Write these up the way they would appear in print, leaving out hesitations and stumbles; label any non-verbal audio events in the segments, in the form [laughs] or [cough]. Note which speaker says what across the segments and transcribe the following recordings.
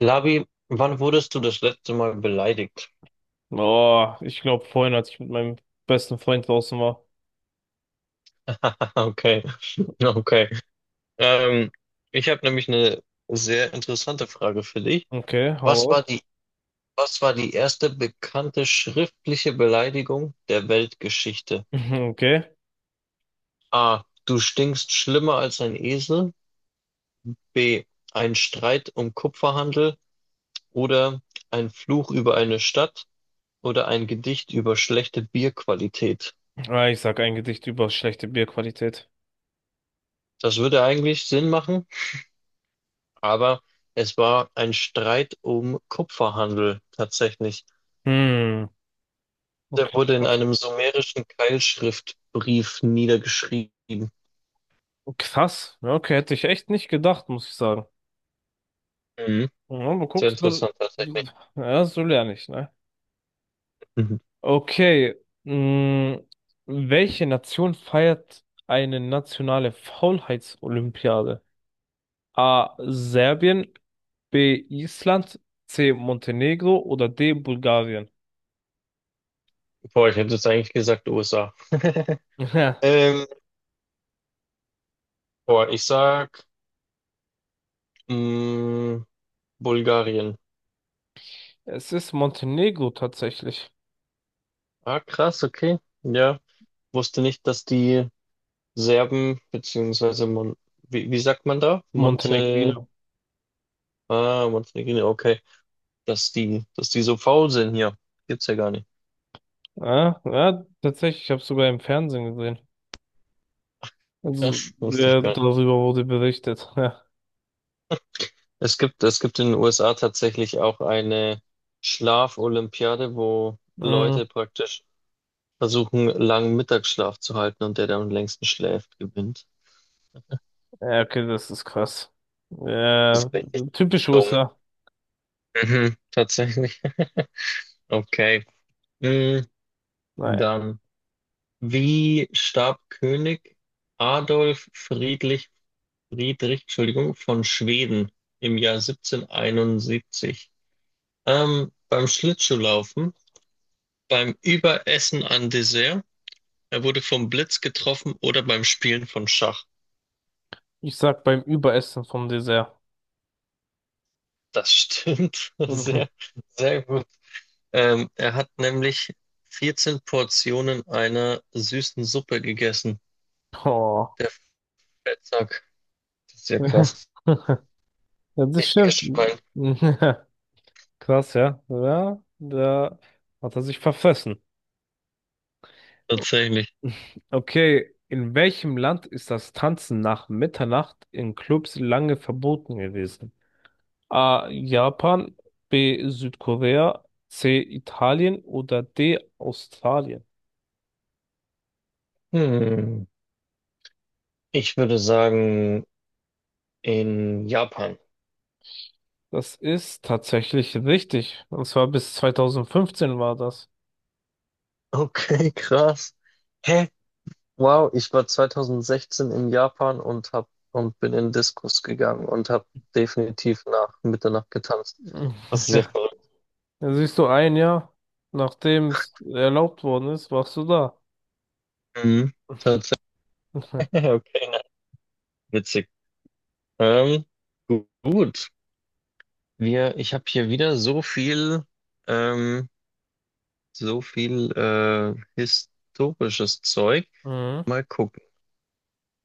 Speaker 1: Labi, wann wurdest du das letzte Mal beleidigt?
Speaker 2: Oh, ich glaube vorhin, als ich mit meinem besten Freund draußen war.
Speaker 1: [laughs] Okay, okay. Ähm, ich habe nämlich eine sehr interessante Frage für dich.
Speaker 2: Okay,
Speaker 1: Was
Speaker 2: hau
Speaker 1: war
Speaker 2: auf.
Speaker 1: die, was war die erste bekannte schriftliche Beleidigung der Weltgeschichte?
Speaker 2: [laughs] Okay.
Speaker 1: A. Du stinkst schlimmer als ein Esel. B. Ein Streit um Kupferhandel oder ein Fluch über eine Stadt oder ein Gedicht über schlechte Bierqualität.
Speaker 2: Ah, ich sag ein Gedicht über schlechte Bierqualität.
Speaker 1: Das würde eigentlich Sinn machen. Aber es war ein Streit um Kupferhandel tatsächlich.
Speaker 2: Hm,
Speaker 1: Der
Speaker 2: okay,
Speaker 1: wurde in
Speaker 2: krass.
Speaker 1: einem sumerischen Keilschriftbrief niedergeschrieben.
Speaker 2: Krass. Ja, okay, hätte ich echt nicht gedacht, muss ich sagen.
Speaker 1: Mhm.
Speaker 2: Ja, du
Speaker 1: Sehr
Speaker 2: guckst,
Speaker 1: interessant tatsächlich.
Speaker 2: ja, so lerne ich, ne?
Speaker 1: Mhm.
Speaker 2: Okay. Hm, welche Nation feiert eine nationale Faulheitsolympiade? A. Serbien, B. Island, C. Montenegro oder D. Bulgarien?
Speaker 1: Boah, ich hätte jetzt eigentlich gesagt USA. [laughs]
Speaker 2: Ja,
Speaker 1: Ähm, boah, ich sag mh, Bulgarien.
Speaker 2: es ist Montenegro tatsächlich.
Speaker 1: Ah, krass, okay. Ja, wusste nicht, dass die Serben, beziehungsweise Mon wie sagt man da? Monte,
Speaker 2: Montenegrino.
Speaker 1: ah, Montenegrin, okay. Dass die so faul sind hier. Gibt's ja gar nicht.
Speaker 2: Ja, ja, tatsächlich, ich habe es sogar im Fernsehen gesehen. Also,
Speaker 1: Krass, wusste ich
Speaker 2: ja,
Speaker 1: gar nicht.
Speaker 2: darüber wurde berichtet. [laughs] Ja.
Speaker 1: Es gibt in den USA tatsächlich auch eine Schlafolympiade, wo
Speaker 2: Mhm.
Speaker 1: Leute praktisch versuchen, langen Mittagsschlaf zu halten und der am längsten schläft, gewinnt.
Speaker 2: Ja, okay, das ist krass.
Speaker 1: Das
Speaker 2: Ja,
Speaker 1: ist richtig
Speaker 2: typisch
Speaker 1: dumm.
Speaker 2: USA.
Speaker 1: Mhm, tatsächlich. [laughs] Okay. Mm,
Speaker 2: Naja,
Speaker 1: dann, wie starb König Adolf Friedrich, Friedrich, Entschuldigung, von Schweden im Jahr 1771? Beim Schlittschuhlaufen, beim Überessen an Dessert, er wurde vom Blitz getroffen oder beim Spielen von Schach.
Speaker 2: ich sag beim Überessen vom Dessert.
Speaker 1: Das stimmt. [laughs]
Speaker 2: Mhm.
Speaker 1: Sehr gut. Er hat nämlich 14 Portionen einer süßen Suppe gegessen.
Speaker 2: Oh.
Speaker 1: Der Fettsack. Das ist ja
Speaker 2: [laughs]
Speaker 1: krass.
Speaker 2: Ja, das
Speaker 1: Richtiges
Speaker 2: stimmt.
Speaker 1: Schwein.
Speaker 2: [laughs] Krass, ja. Ja, da hat er sich verfressen.
Speaker 1: Tatsächlich.
Speaker 2: Okay, in welchem Land ist das Tanzen nach Mitternacht in Clubs lange verboten gewesen? A. Japan, B. Südkorea, C. Italien oder D. Australien.
Speaker 1: Hm. Ich würde sagen, in Japan.
Speaker 2: Das ist tatsächlich richtig. Und zwar bis 2015 war das.
Speaker 1: Okay, krass. Hä? Wow, ich war 2016 in Japan und hab und bin in Discos gegangen und habe definitiv nach Mitternacht getanzt.
Speaker 2: [laughs]
Speaker 1: Das ist ja verrückt.
Speaker 2: Mhm. Da siehst du ein Jahr, nachdem es erlaubt worden ist, warst du da.
Speaker 1: Mhm. Tatsächlich.
Speaker 2: [laughs]
Speaker 1: [laughs] Okay, na, witzig. Ähm, gut. Ich habe hier wieder ähm, so viel historisches Zeug.
Speaker 2: Mhm.
Speaker 1: Mal gucken.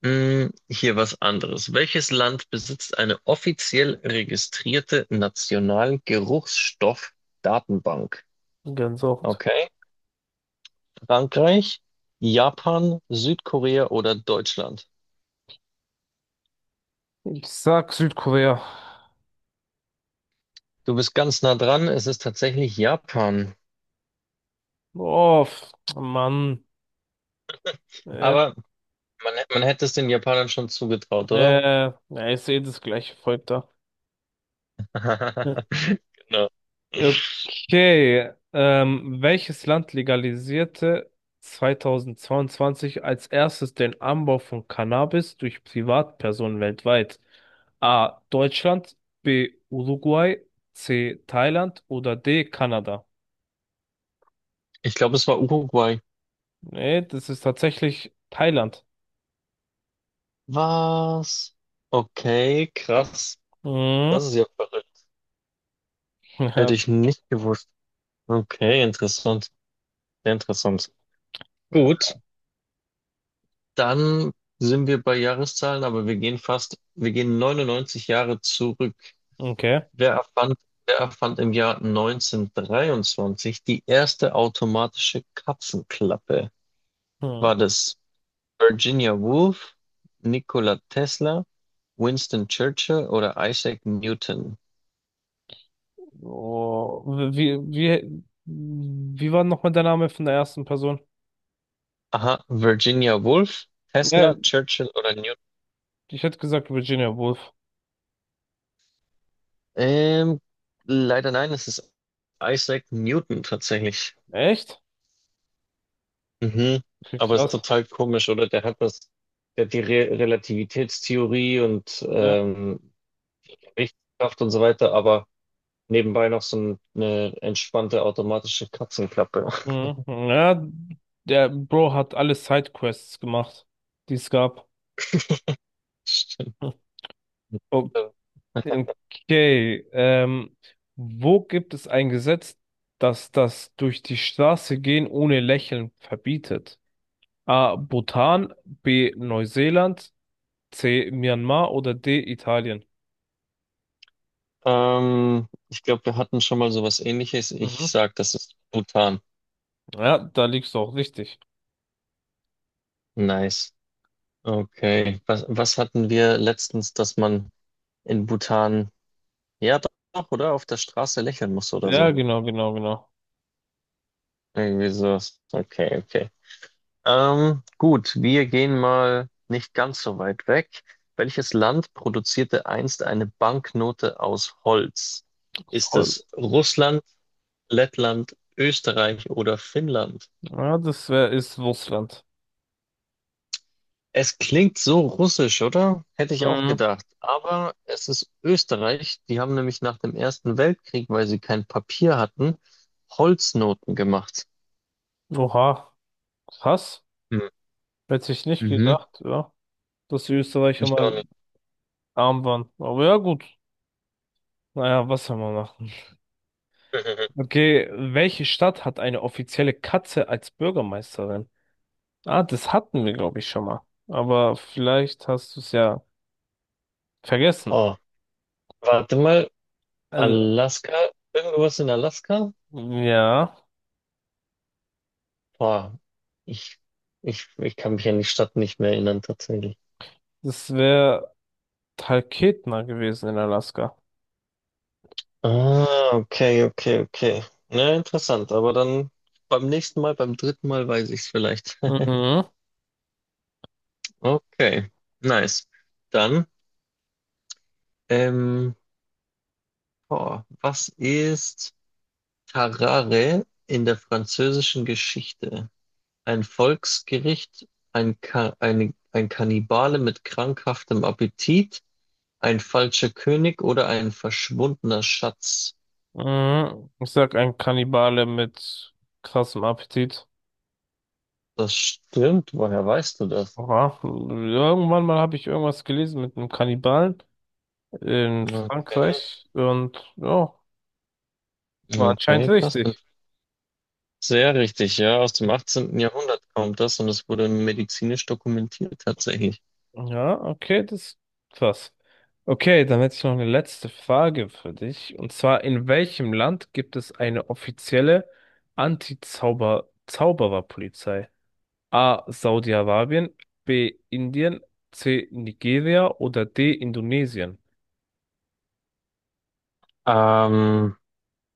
Speaker 1: Hm, hier was anderes. Welches Land besitzt eine offiziell registrierte National-Geruchsstoff-Datenbank?
Speaker 2: Gänsehaut.
Speaker 1: Okay. Frankreich, Japan, Südkorea oder Deutschland?
Speaker 2: Ich sag Südkorea.
Speaker 1: Du bist ganz nah dran, es ist tatsächlich Japan.
Speaker 2: Oh, Mann. Ja,
Speaker 1: Aber man hätte es den Japanern schon zugetraut, oder?
Speaker 2: äh, ja, ich sehe das gleiche Volk da. Ja.
Speaker 1: [laughs] Genau.
Speaker 2: Okay, welches Land legalisierte 2022 als erstes den Anbau von Cannabis durch Privatpersonen weltweit? A. Deutschland, B. Uruguay, C. Thailand oder D. Kanada?
Speaker 1: Ich glaube, es war Uruguay.
Speaker 2: Nee, das ist tatsächlich Thailand.
Speaker 1: Was? Okay, krass. Das
Speaker 2: Mhm.
Speaker 1: ist ja verrückt. Hätte
Speaker 2: [laughs]
Speaker 1: ich nicht gewusst. Okay, interessant. Sehr interessant.
Speaker 2: Ja,
Speaker 1: Gut, dann sind wir bei Jahreszahlen, aber wir gehen 99 Jahre zurück.
Speaker 2: okay.
Speaker 1: Wer erfand, wer erfand im Jahr 1923 die erste automatische Katzenklappe?
Speaker 2: Hm.
Speaker 1: War das Virginia Woolf, Nikola Tesla, Winston Churchill oder Isaac Newton?
Speaker 2: Oh, wie war nochmal der Name von der ersten Person?
Speaker 1: Aha, Virginia Woolf,
Speaker 2: Ja,
Speaker 1: Tesla, Churchill oder Newton?
Speaker 2: ich hätte gesagt Virginia Woolf.
Speaker 1: Ähm, leider nein, es ist Isaac Newton tatsächlich.
Speaker 2: Echt?
Speaker 1: Mhm.
Speaker 2: Okay,
Speaker 1: Aber es ist
Speaker 2: krass.
Speaker 1: total komisch, oder? Der hat die Re Relativitätstheorie und
Speaker 2: Ja.
Speaker 1: Richtkraft und so weiter, aber nebenbei noch so eine entspannte automatische Katzenklappe. [laughs]
Speaker 2: Mhm. Ja, der Bro hat alle Sidequests gemacht, die es gab.
Speaker 1: Stimmt.
Speaker 2: [laughs] Oh, okay, wo gibt es ein Gesetz, das durch die Straße gehen ohne Lächeln verbietet? A. Bhutan, B. Neuseeland, C. Myanmar oder D. Italien?
Speaker 1: Ich glaube, wir hatten schon mal sowas Ähnliches. Ich
Speaker 2: Mhm.
Speaker 1: sag, das ist Bhutan.
Speaker 2: Ja, da liegst du auch richtig.
Speaker 1: Nice. Okay. Was hatten wir letztens, dass man in Bhutan, ja doch, oder auf der Straße lächeln muss oder
Speaker 2: Ja,
Speaker 1: so? Irgendwie sowas. Okay, okay. Gut, wir gehen mal nicht ganz so weit weg. Welches Land produzierte einst eine Banknote aus Holz? Ist
Speaker 2: genau.
Speaker 1: es Russland, Lettland, Österreich oder Finnland?
Speaker 2: Ja, das wär, ist Russland.
Speaker 1: Es klingt so russisch, oder? Hätte ich auch
Speaker 2: Mhm.
Speaker 1: gedacht. Aber es ist Österreich. Die haben nämlich nach dem Ersten Weltkrieg, weil sie kein Papier hatten, Holznoten gemacht.
Speaker 2: Oha, krass.
Speaker 1: Hm.
Speaker 2: Hätte ich nicht
Speaker 1: Mhm.
Speaker 2: gedacht, ja, dass die Österreicher
Speaker 1: Ich auch
Speaker 2: mal
Speaker 1: nicht.
Speaker 2: arm waren. Aber ja, gut. Naja, was soll man machen?
Speaker 1: [laughs]
Speaker 2: Okay, welche Stadt hat eine offizielle Katze als Bürgermeisterin? Ah, das hatten wir, glaube ich, schon mal. Aber vielleicht hast du es ja vergessen.
Speaker 1: Oh, warte mal.
Speaker 2: Also,
Speaker 1: Alaska? Irgendwas in Alaska?
Speaker 2: ja,
Speaker 1: Boah, ich, ich kann mich an die Stadt nicht mehr erinnern, tatsächlich.
Speaker 2: das wäre Talkeetna gewesen in Alaska.
Speaker 1: Ah, okay, okay, okay. Na, interessant, aber dann beim nächsten Mal, beim dritten Mal weiß ich es vielleicht. [laughs]
Speaker 2: Mhm.
Speaker 1: Okay, nice. Dann, ähm, boah, was ist Tarare in der französischen Geschichte? Ein Volksgericht, ein, Ka eine, ein Kannibale mit krankhaftem Appetit, ein falscher König oder ein verschwundener Schatz?
Speaker 2: Mhm. Ich sag ein Kannibale mit krassem Appetit.
Speaker 1: Das stimmt. Woher weißt du das?
Speaker 2: Oha. Irgendwann mal habe ich irgendwas gelesen mit einem Kannibalen in
Speaker 1: Okay,
Speaker 2: Frankreich und ja, war anscheinend
Speaker 1: okay, krass. Und
Speaker 2: richtig.
Speaker 1: sehr richtig, ja. Aus dem 18. Jahrhundert kommt das und es wurde medizinisch dokumentiert tatsächlich.
Speaker 2: Ja, okay, das ist krass. Okay, dann hätte ich noch eine letzte Frage für dich. Und zwar, in welchem Land gibt es eine offizielle Anti-Zauber-Zaubererpolizei? A. Saudi-Arabien, B. Indien, C. Nigeria oder D. Indonesien?
Speaker 1: Ähm,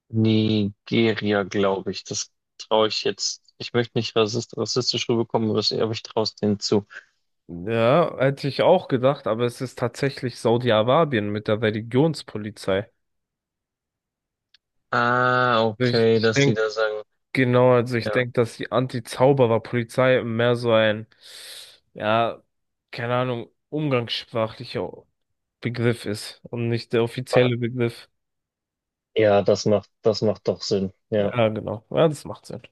Speaker 1: Nigeria, glaube ich. Das traue ich jetzt. Ich möchte nicht rassistisch rüberkommen, aber ich traue es denen zu.
Speaker 2: Ja, hätte ich auch gedacht, aber es ist tatsächlich Saudi-Arabien mit der Religionspolizei.
Speaker 1: Ah,
Speaker 2: Also Ich,
Speaker 1: okay,
Speaker 2: ich
Speaker 1: dass die
Speaker 2: denke,
Speaker 1: da sagen.
Speaker 2: genau, also ich
Speaker 1: Ja,
Speaker 2: denke, dass die Anti-Zauberer-Polizei mehr so ein, ja, keine Ahnung, umgangssprachlicher Begriff ist und nicht der offizielle Begriff.
Speaker 1: ja, das macht doch Sinn. Ja.
Speaker 2: Ja, genau. Ja, das macht Sinn.